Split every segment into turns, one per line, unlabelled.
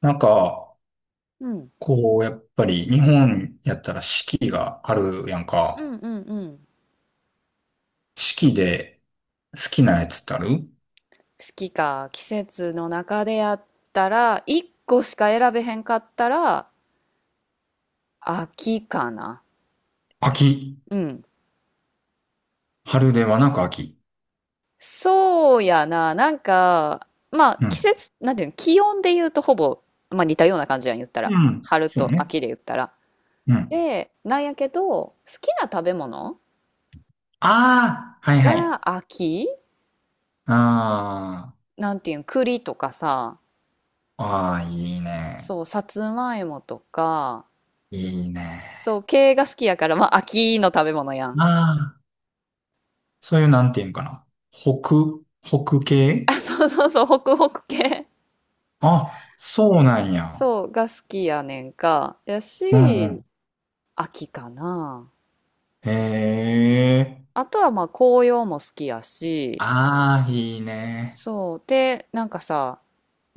なんか、
うん。
やっぱり日本やったら四季があるやん
うん
か。
うんうん。
四季で好きなやつってある？
好きか。季節の中でやったら、1個しか選べへんかったら、秋かな。
秋。
うん。
春ではなく秋。
そうやな。なんか、まあ、
う
季
ん。
節、なんていうの、気温で言うとほぼ、まあ似たような感じやん、言った
う
ら。
ん。
春
そう
と
ね。
秋で言ったら。
うん。
で、なんやけど、好きな食べ物
ああ、はいは
が
い。
秋、
あ
なんていうん、栗とかさ、
あ、ああ、いいね。
そう、さつまいもとか、
いいね。
そう、系が好きやから、まあ秋の食べ物やん。
ああ、そういうなんていうんかな。北
あ、
系。
そうそうそう、ホクホク系。
あ、そうなんや。
そう、が好きやねんか。や
うんう
し、
ん。
秋かな。
へえ。
あとはまあ紅葉も好きやし、
ああ、いいね。
そう。で、なんかさ、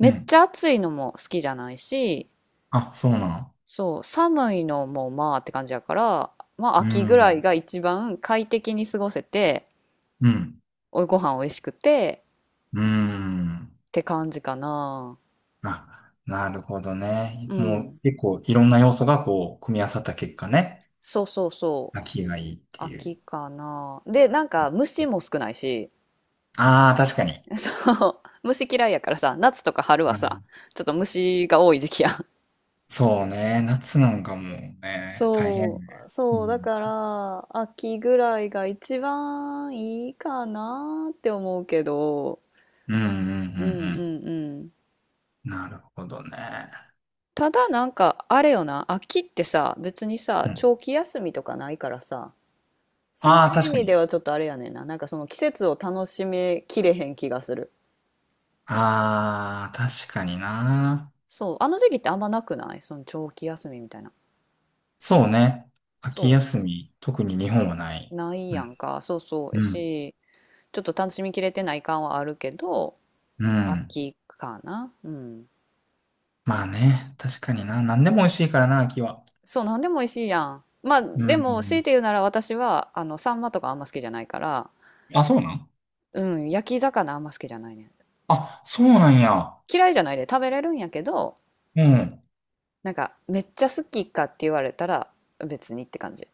う
っち
ん。
ゃ暑いのも好きじゃないし、
あ、そうなん。
そう、寒いのもまあって感じやから、まあ
う
秋ぐらい
ん。
が一番快適に過ごせて、
うん。
おご飯美味しくて
うん。
って感じかな。
あ、なるほどね。
う
も
ん。
う結構いろんな要素がこう、組み合わさった結果ね。
そうそうそう。
秋がいいっていう。
秋かな。で、なんか虫も少ないし、
ああ、確かに。
そう。虫嫌いやからさ、夏とか春は
う
さ、
ん。
ちょっと虫が多い時期やん。
そうね。夏なんかもうね、大変
そ
ね。
う、
う
そう、だ
ん。
から、秋ぐらいが一番いいかなって思うけど、
うんうんう
うんう
ん
んうん。
うん。なるほどね。
ただなんか、あれよな、秋ってさ、別にさ、
うん。
長期休みとかないからさ、そうい
ああ、
う意
確か
味で
に。
はちょっとあれやねんな。なんかその季節を楽しめきれへん気がする。
ああ、確かにな。
そう、あの時期ってあんまなくない？その長期休みみたいな。
そうね。秋
そ
休み、特に日本はな
う、
い。
ない
う
や
ん。
んか。そうそう。
う
や
ん。
し、ちょっと楽しみきれてない感はあるけど、
うん。
秋かな。うん。
まあね、確かにな。何でも美味しいからな、秋は。
そう、なんでも美味しいやん。まあ、
う
でも、強い
ん。
て言うなら私は、あの、サンマとかあんま好きじゃないから、
あ、そうなん。
うん、焼き魚あんま好きじゃないねん。
あ、そうなんや。
嫌いじゃないで食べれるんやけど、
うん。
なんか、めっちゃ好きかって言われたら、別にって感じ。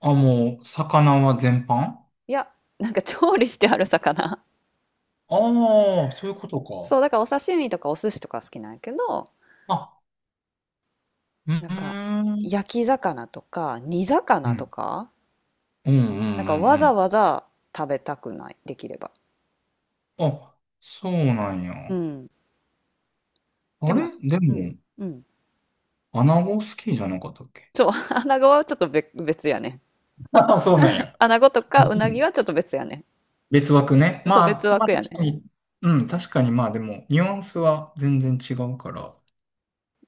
あ、もう、魚は全般？あ
いや、なんか調理してある魚。
あー、そういうことか。
そう、だからお刺身とかお寿司とか好きなんやけど、
あ、う
なんか、
ーん。
焼き魚とか、煮
う
魚と
ん。
か、
うんうんう
なんかわ
んう
ざわざ食べたくない、できれば。
ん。あ、そうなんや。
うん。で
あれ、
も、
で
うん、
も、
うん。
穴子好きじゃなかったっけ？
そう、穴子はちょっと別別やね。
あ、そうなんや。
穴子と
う
かうなぎ
ん。
はちょっと別やね。
別枠ね。
そう、
ま
別
あ、まあ
枠や
確
ね。
かに。うん、確かにまあでも、ニュアンスは全然違うから。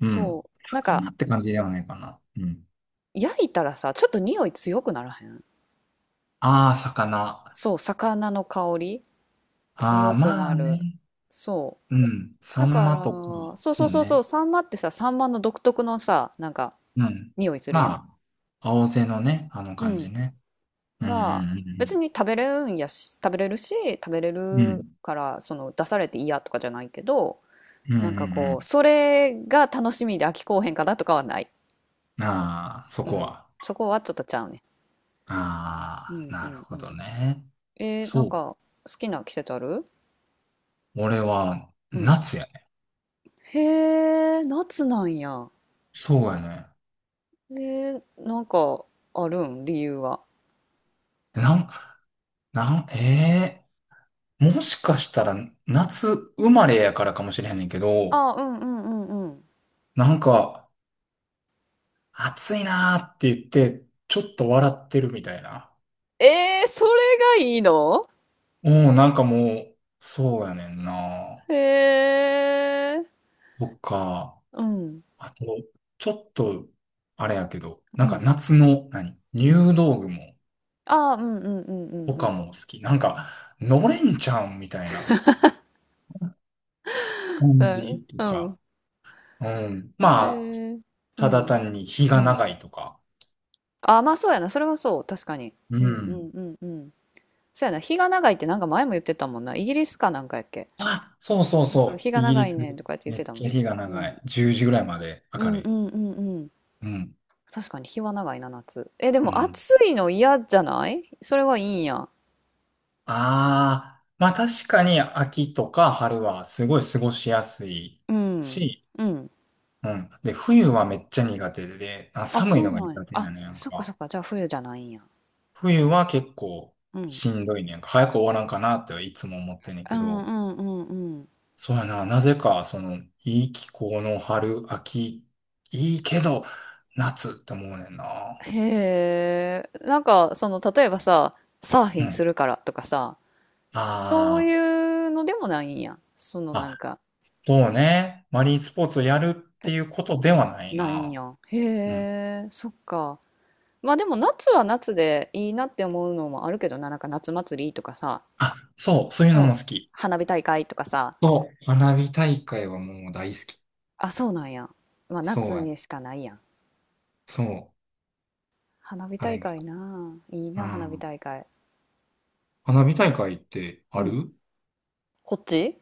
う
そ
ん。
う。なんか、
魚って感じではないかな。うん。
焼いたらさ、ちょっと匂い強くならへん？
ああ、魚。
そう、魚の香り
ああ、
強く
ま
な
あ
る。
ね。
そ
うん。
う。
サ
だ
ン
か
マ
ら、
とか、
そうそう
そう
そうそう、
ね。
サンマってさ、サンマの独特のさ、なんか、
うん。
匂いするや
ま
ん。
あ、青背のね、あの
う
感
ん。
じね。うんう
が、別
ん
に食べれるんやし、食べれるし、食べれ
うんうん。う
る
ん。
から、その、出されて嫌とかじゃないけど、
うんう
なんかこう、
ん
それが楽しみで飽きこうへんかなとかはない。
うん。ああ、そ
う
こ
ん。
は。
そこはちょっとちゃうね。う
あ
ん
あ、
う
なる
んう
ほ
ん。
どね。
なん
そう。
か好きな季節ある？
俺は、
うん。
夏やね。
へえ、夏なんや。
そうやね。
えなんかあるん？理由は。
なん、なん、ええ、もしかしたら、夏生まれやからかもしれへんねんけど、
あ、うんうんうんうん。
なんか、暑いなーって言って、ちょっと笑ってるみたいな。
それがいいの？
うん、なんかもう、そうやねんな。
へえ、
そっか。
うん、
あと、ちょっと、あれやけど、
う
なんか
ん。
夏の、何、入道雲
あ、うんうんうんうん
と
う
か
ん。
も好き。なんか、のれんちゃんみたいな
う
感
ん、
じと
う
か。
ん。
うん。
へ
まあ、
え、う
ただ
ん、
単に日
う
が
ん。
長いとか。
あ、まあそうやな。それはそう。確かに。
う
うんうん
ん。
うんうん。そうやな。日が長いってなんか前も言ってたもんな。イギリスかなんかやっけ。
あ、そうそう
そう、
そう。
日が
イギ
長
リ
いねん
ス、
とかやって言っ
め
て
っ
たも
ちゃ
んな。
日が
う
長
ん。
い。10時ぐらいまで
う
明
ん
る
う
い。
んうんうん。
うん。
確かに日は長いな、夏。え、で
う
も
ん。
暑いの嫌じゃない？それはいいんや。
ああ、まあ確かに秋とか春はすごい過ごしやすい
うん。
し、
うん。
うん。で、冬はめっちゃ苦手で、あ、
あ、
寒
そ
いの
う
が
なんや。
苦手や
あ、
ねんやん
そっかそ
か。
っか。じゃあ冬じゃないんや。
冬は結構
うん。
しんどいねんやんか。早く終わらんかなっていつも思ってんねん
う
け
んう
ど、
んうんうん。
そうやな、なぜかその、いい気候の春、秋、いいけど、夏って思うねんな。
へえ。なんか、その、例えばさ、サーフ
う
ィンす
ん。
るからとかさ、そう
あ
いうのでもないんや。その
あ、
なん
あ、
か、
そうね。マリンスポーツをやるって
え、
いうことではない
ないん
な。
や。へえ、そっか。まあでも夏は夏でいいなって思うのもあるけどな、なんか夏祭りとかさ、
あ、そう、そういうの
そ
も好
う、
き。
花火大会とかさ、
そう、花火大会はもう大好き。
あ、そうなんや。まあ
そう
夏
やね。
にしかないやん。
そう、
花火
あ
大
れが。
会なあ、いい
う
な、花火
ん。
大会。
花火大会ってあ
うん。
る？
こっち、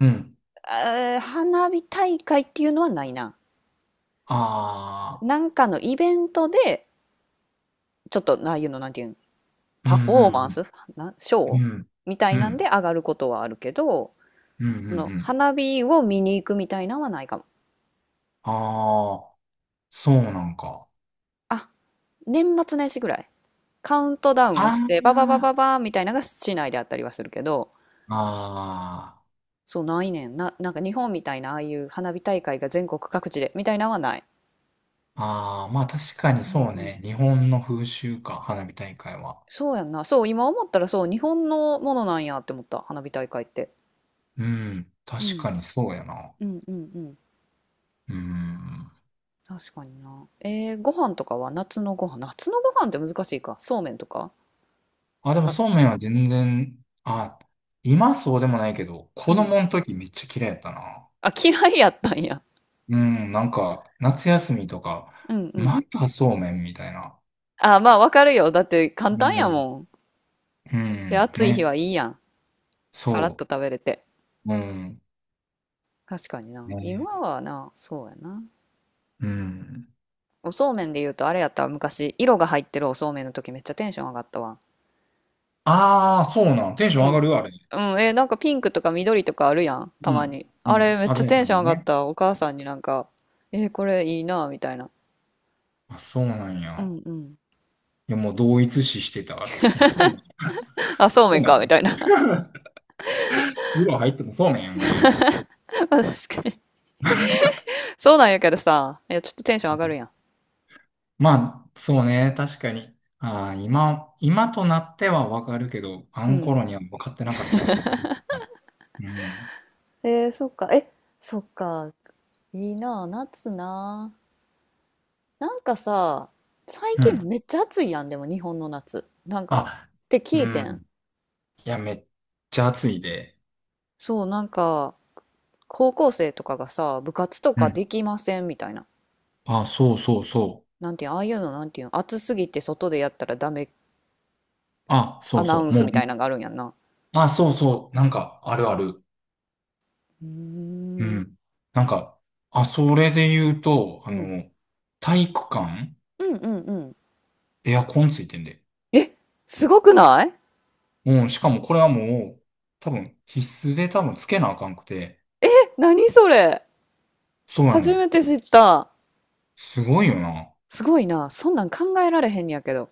うん。
花火大会っていうのはないな。
あ
なんかのイベントで、ちょっと、ああいうの、なんていうん、
あ、う
パフ
ん
ォー
う
マンス、
ん
な、シ
うん。
ョー
うん。
みた
う
いなんで
ん。
上がることはあるけど、
うんうん
そ
う
の
ん。
花火を見に行くみたいなのはないかも。
ああ、そうなんか。
あ、年末年始ぐらい。カウントダウ
あ
ンして、ババババ
あ、
バーみたいなのが市内であったりはするけど、
あ
そうないねん。な、なんか日本みたいなああいう花火大会が全国各地でみたいなのはない。
あ、ああ、まあ確かに
うん
そう
うん。
ね。日本の風習か、花火大会は。
そうやんな。そう、今思ったらそう、日本のものなんやって思った。花火大会って。
うん。
う
確
ん。
かにそうやな。
うんうんうん。
うん。
確かにな。ご飯とかは夏のご飯。夏のご飯って難しいか。そうめんとか
あ、でも
か。
そうめんは全然、あ、今そうでもないけど、
う
子
ん。
供の時めっちゃ嫌いやったな。
あ、嫌いやったんや。
うん、なんか、夏休みとか、
うんうん。
またそうめんみたいな。
あ、まあわかるよ。だって
う
簡単や
ん、
もん。
う
で、
ん
暑い日
ね、
はいいやん。さらっ
そ
と食べれて。
う。うん、
確かにな。
ね、
今はな、そうやな。
うん。
おそうめんで言うとあれやったわ、昔、色が入ってるおそうめんの時めっちゃテンション上がったわ。
ああ、そうなん。テンショ
う
ン上が
ん。
るあれ？
うん、え、なんかピンクとか緑とかあるやん、
う
たま
ん、
に。
うん。
あれめっちゃ
鮮や
テ
か
ンショ
な
ン上がっ
ね。
た。お母さんになんか、えー、これいいな、みたいな。
あ、そうなん
う
や。
んうん。
いや、もう同一視してたわ。いや、そうめん。
あ、そう
そ
め
う
ん
め
か、
ん
み
ね。
たいな。
色入ってもそうめんやんぐらいの。
まあ確かに。そうなんやけどさ、いや、ちょっとテンション上がるやん。
まあ、そうね、確かに。ああ、今、今となってはわかるけど、あ
う
の
ん。
頃には分かってなかったね、その時は。うん。
えー、そっか。え、そっか。いいなあ、夏なあ。なんかさ、最
う
近
ん。
めっちゃ暑いやん、でも日本の夏。なんか、
あ、
って聞
う
いてん。
ん。いや、めっちゃ暑いで。
そう、なんか、高校生とかがさ、部活と
う
か
ん。
できませんみたいな。
あ、そうそうそう。
なんていうん、ああいうの、なんていうん、暑すぎて外でやったらダメ、
あ、
ア
そう
ナウ
そ
ン
う。も
ス
う
みた
ね。
いなのがあるんやんな。
あ、そうそう。なんか、あるある。
うー
う
ん。
ん。なんか、あ、それで言うと、あ
うん。
の、体育館
うんうんうん。
エアコンついてんで。
え、すごくない？
うん。しかもこれはもう、多分、必須で多分つけなあかんくて。
え、何それ？
そうやね
初
ん。
めて知った。
すごいよな。
すごいな。そんなん考えられへんねやけど。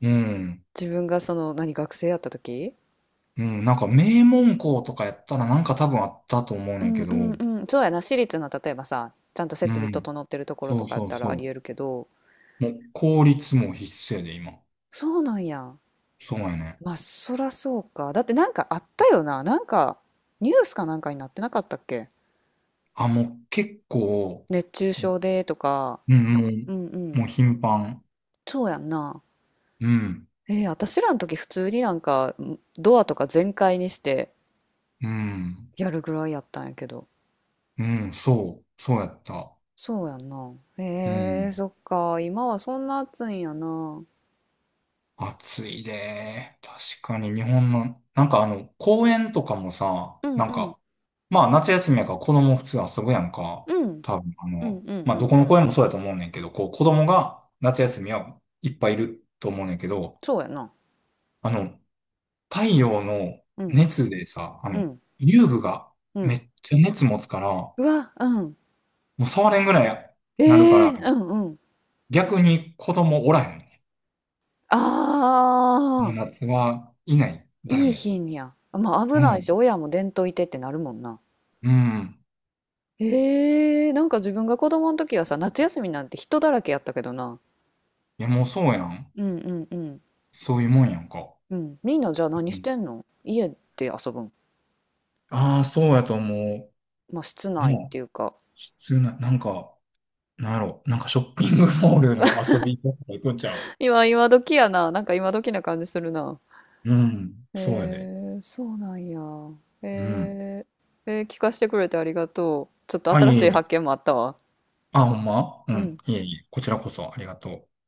うん。
自分がその、何、学生やった時？
うん。なんか名門校とかやったらなんか多分あったと思う
う
ねん
ん
け
う
ど。
ん
う
うん。そうやな、私立の例えばさ、ちゃんと設備
ん。
整ってるところ
そ
と
う
かやっ
そう
た
そ
らあり
う。
えるけど、
もう公立も必須やで、今。
そうなんや。
そうやね。
まあそらそうか、だってなんかあったよな、なんかニュースかなんかになってなかったっけ？
あ、もう結構、
熱中症でとか。
うん、うん。
うんう
も
ん。
う頻繁。
そうやんな。
うん。
私らの時普通になんか、んドアとか全開にして
うん。
やるぐらいやったんやけど、
うん。そう。そうやった。
そうやんな。
う
えー、
ん。
そっか、今はそんな暑いんやな。うん。
暑いで、確かに日本の、なんかあの、公園とかもさ、
う
なん
ん
か、まあ夏休みやから子供普通遊ぶやんか。
うん
多分あ
うん
の、
うん
まあ
う
どこ
ん。
の公園もそうやと思うねんけど、こう子供が夏休みはいっぱいいると思うねんけど、
そうやな。
あの、太陽の
うん。
熱でさ、あ
う
の、
ん。
遊具が
う
め
ん。
っちゃ熱持つから、も
うわ、うん。
う触れんぐらい
え
なるか
え、
ら、
うんうん。
逆に子供おらへんね。
あ
もう
あ、
夏はいない、誰
いい
も。
品や。まあ危
う
ないし、
ん、
親も伝統いてってなるもんな。
うん。
ええ、なんか自分が子供の時はさ、夏休みなんて人だらけやったけどな。
いや、もうそうやん。
うんうんうん。
そういうもんやんか。
うん。みんなじゃあ何
う
し
ん。
てんの？家で遊ぶん？
ああ、そうやと思
まあ室
う。な
内っ
あ、
ていうか。
普通な、なんか、なんやろ、なんかショッピングモールの遊びとか行くんちゃう？
今、今時やな。なんか今時な感じするな。
うん、そうやで。
えー、そうなんや。
うん。
え聞かせてくれてありがとう。ちょっと
あ、い
新
えい
しい
え。
発見もあったわ。
あ、ほんまう
う
ん、
ん。
いえいえ。こちらこそありがとう。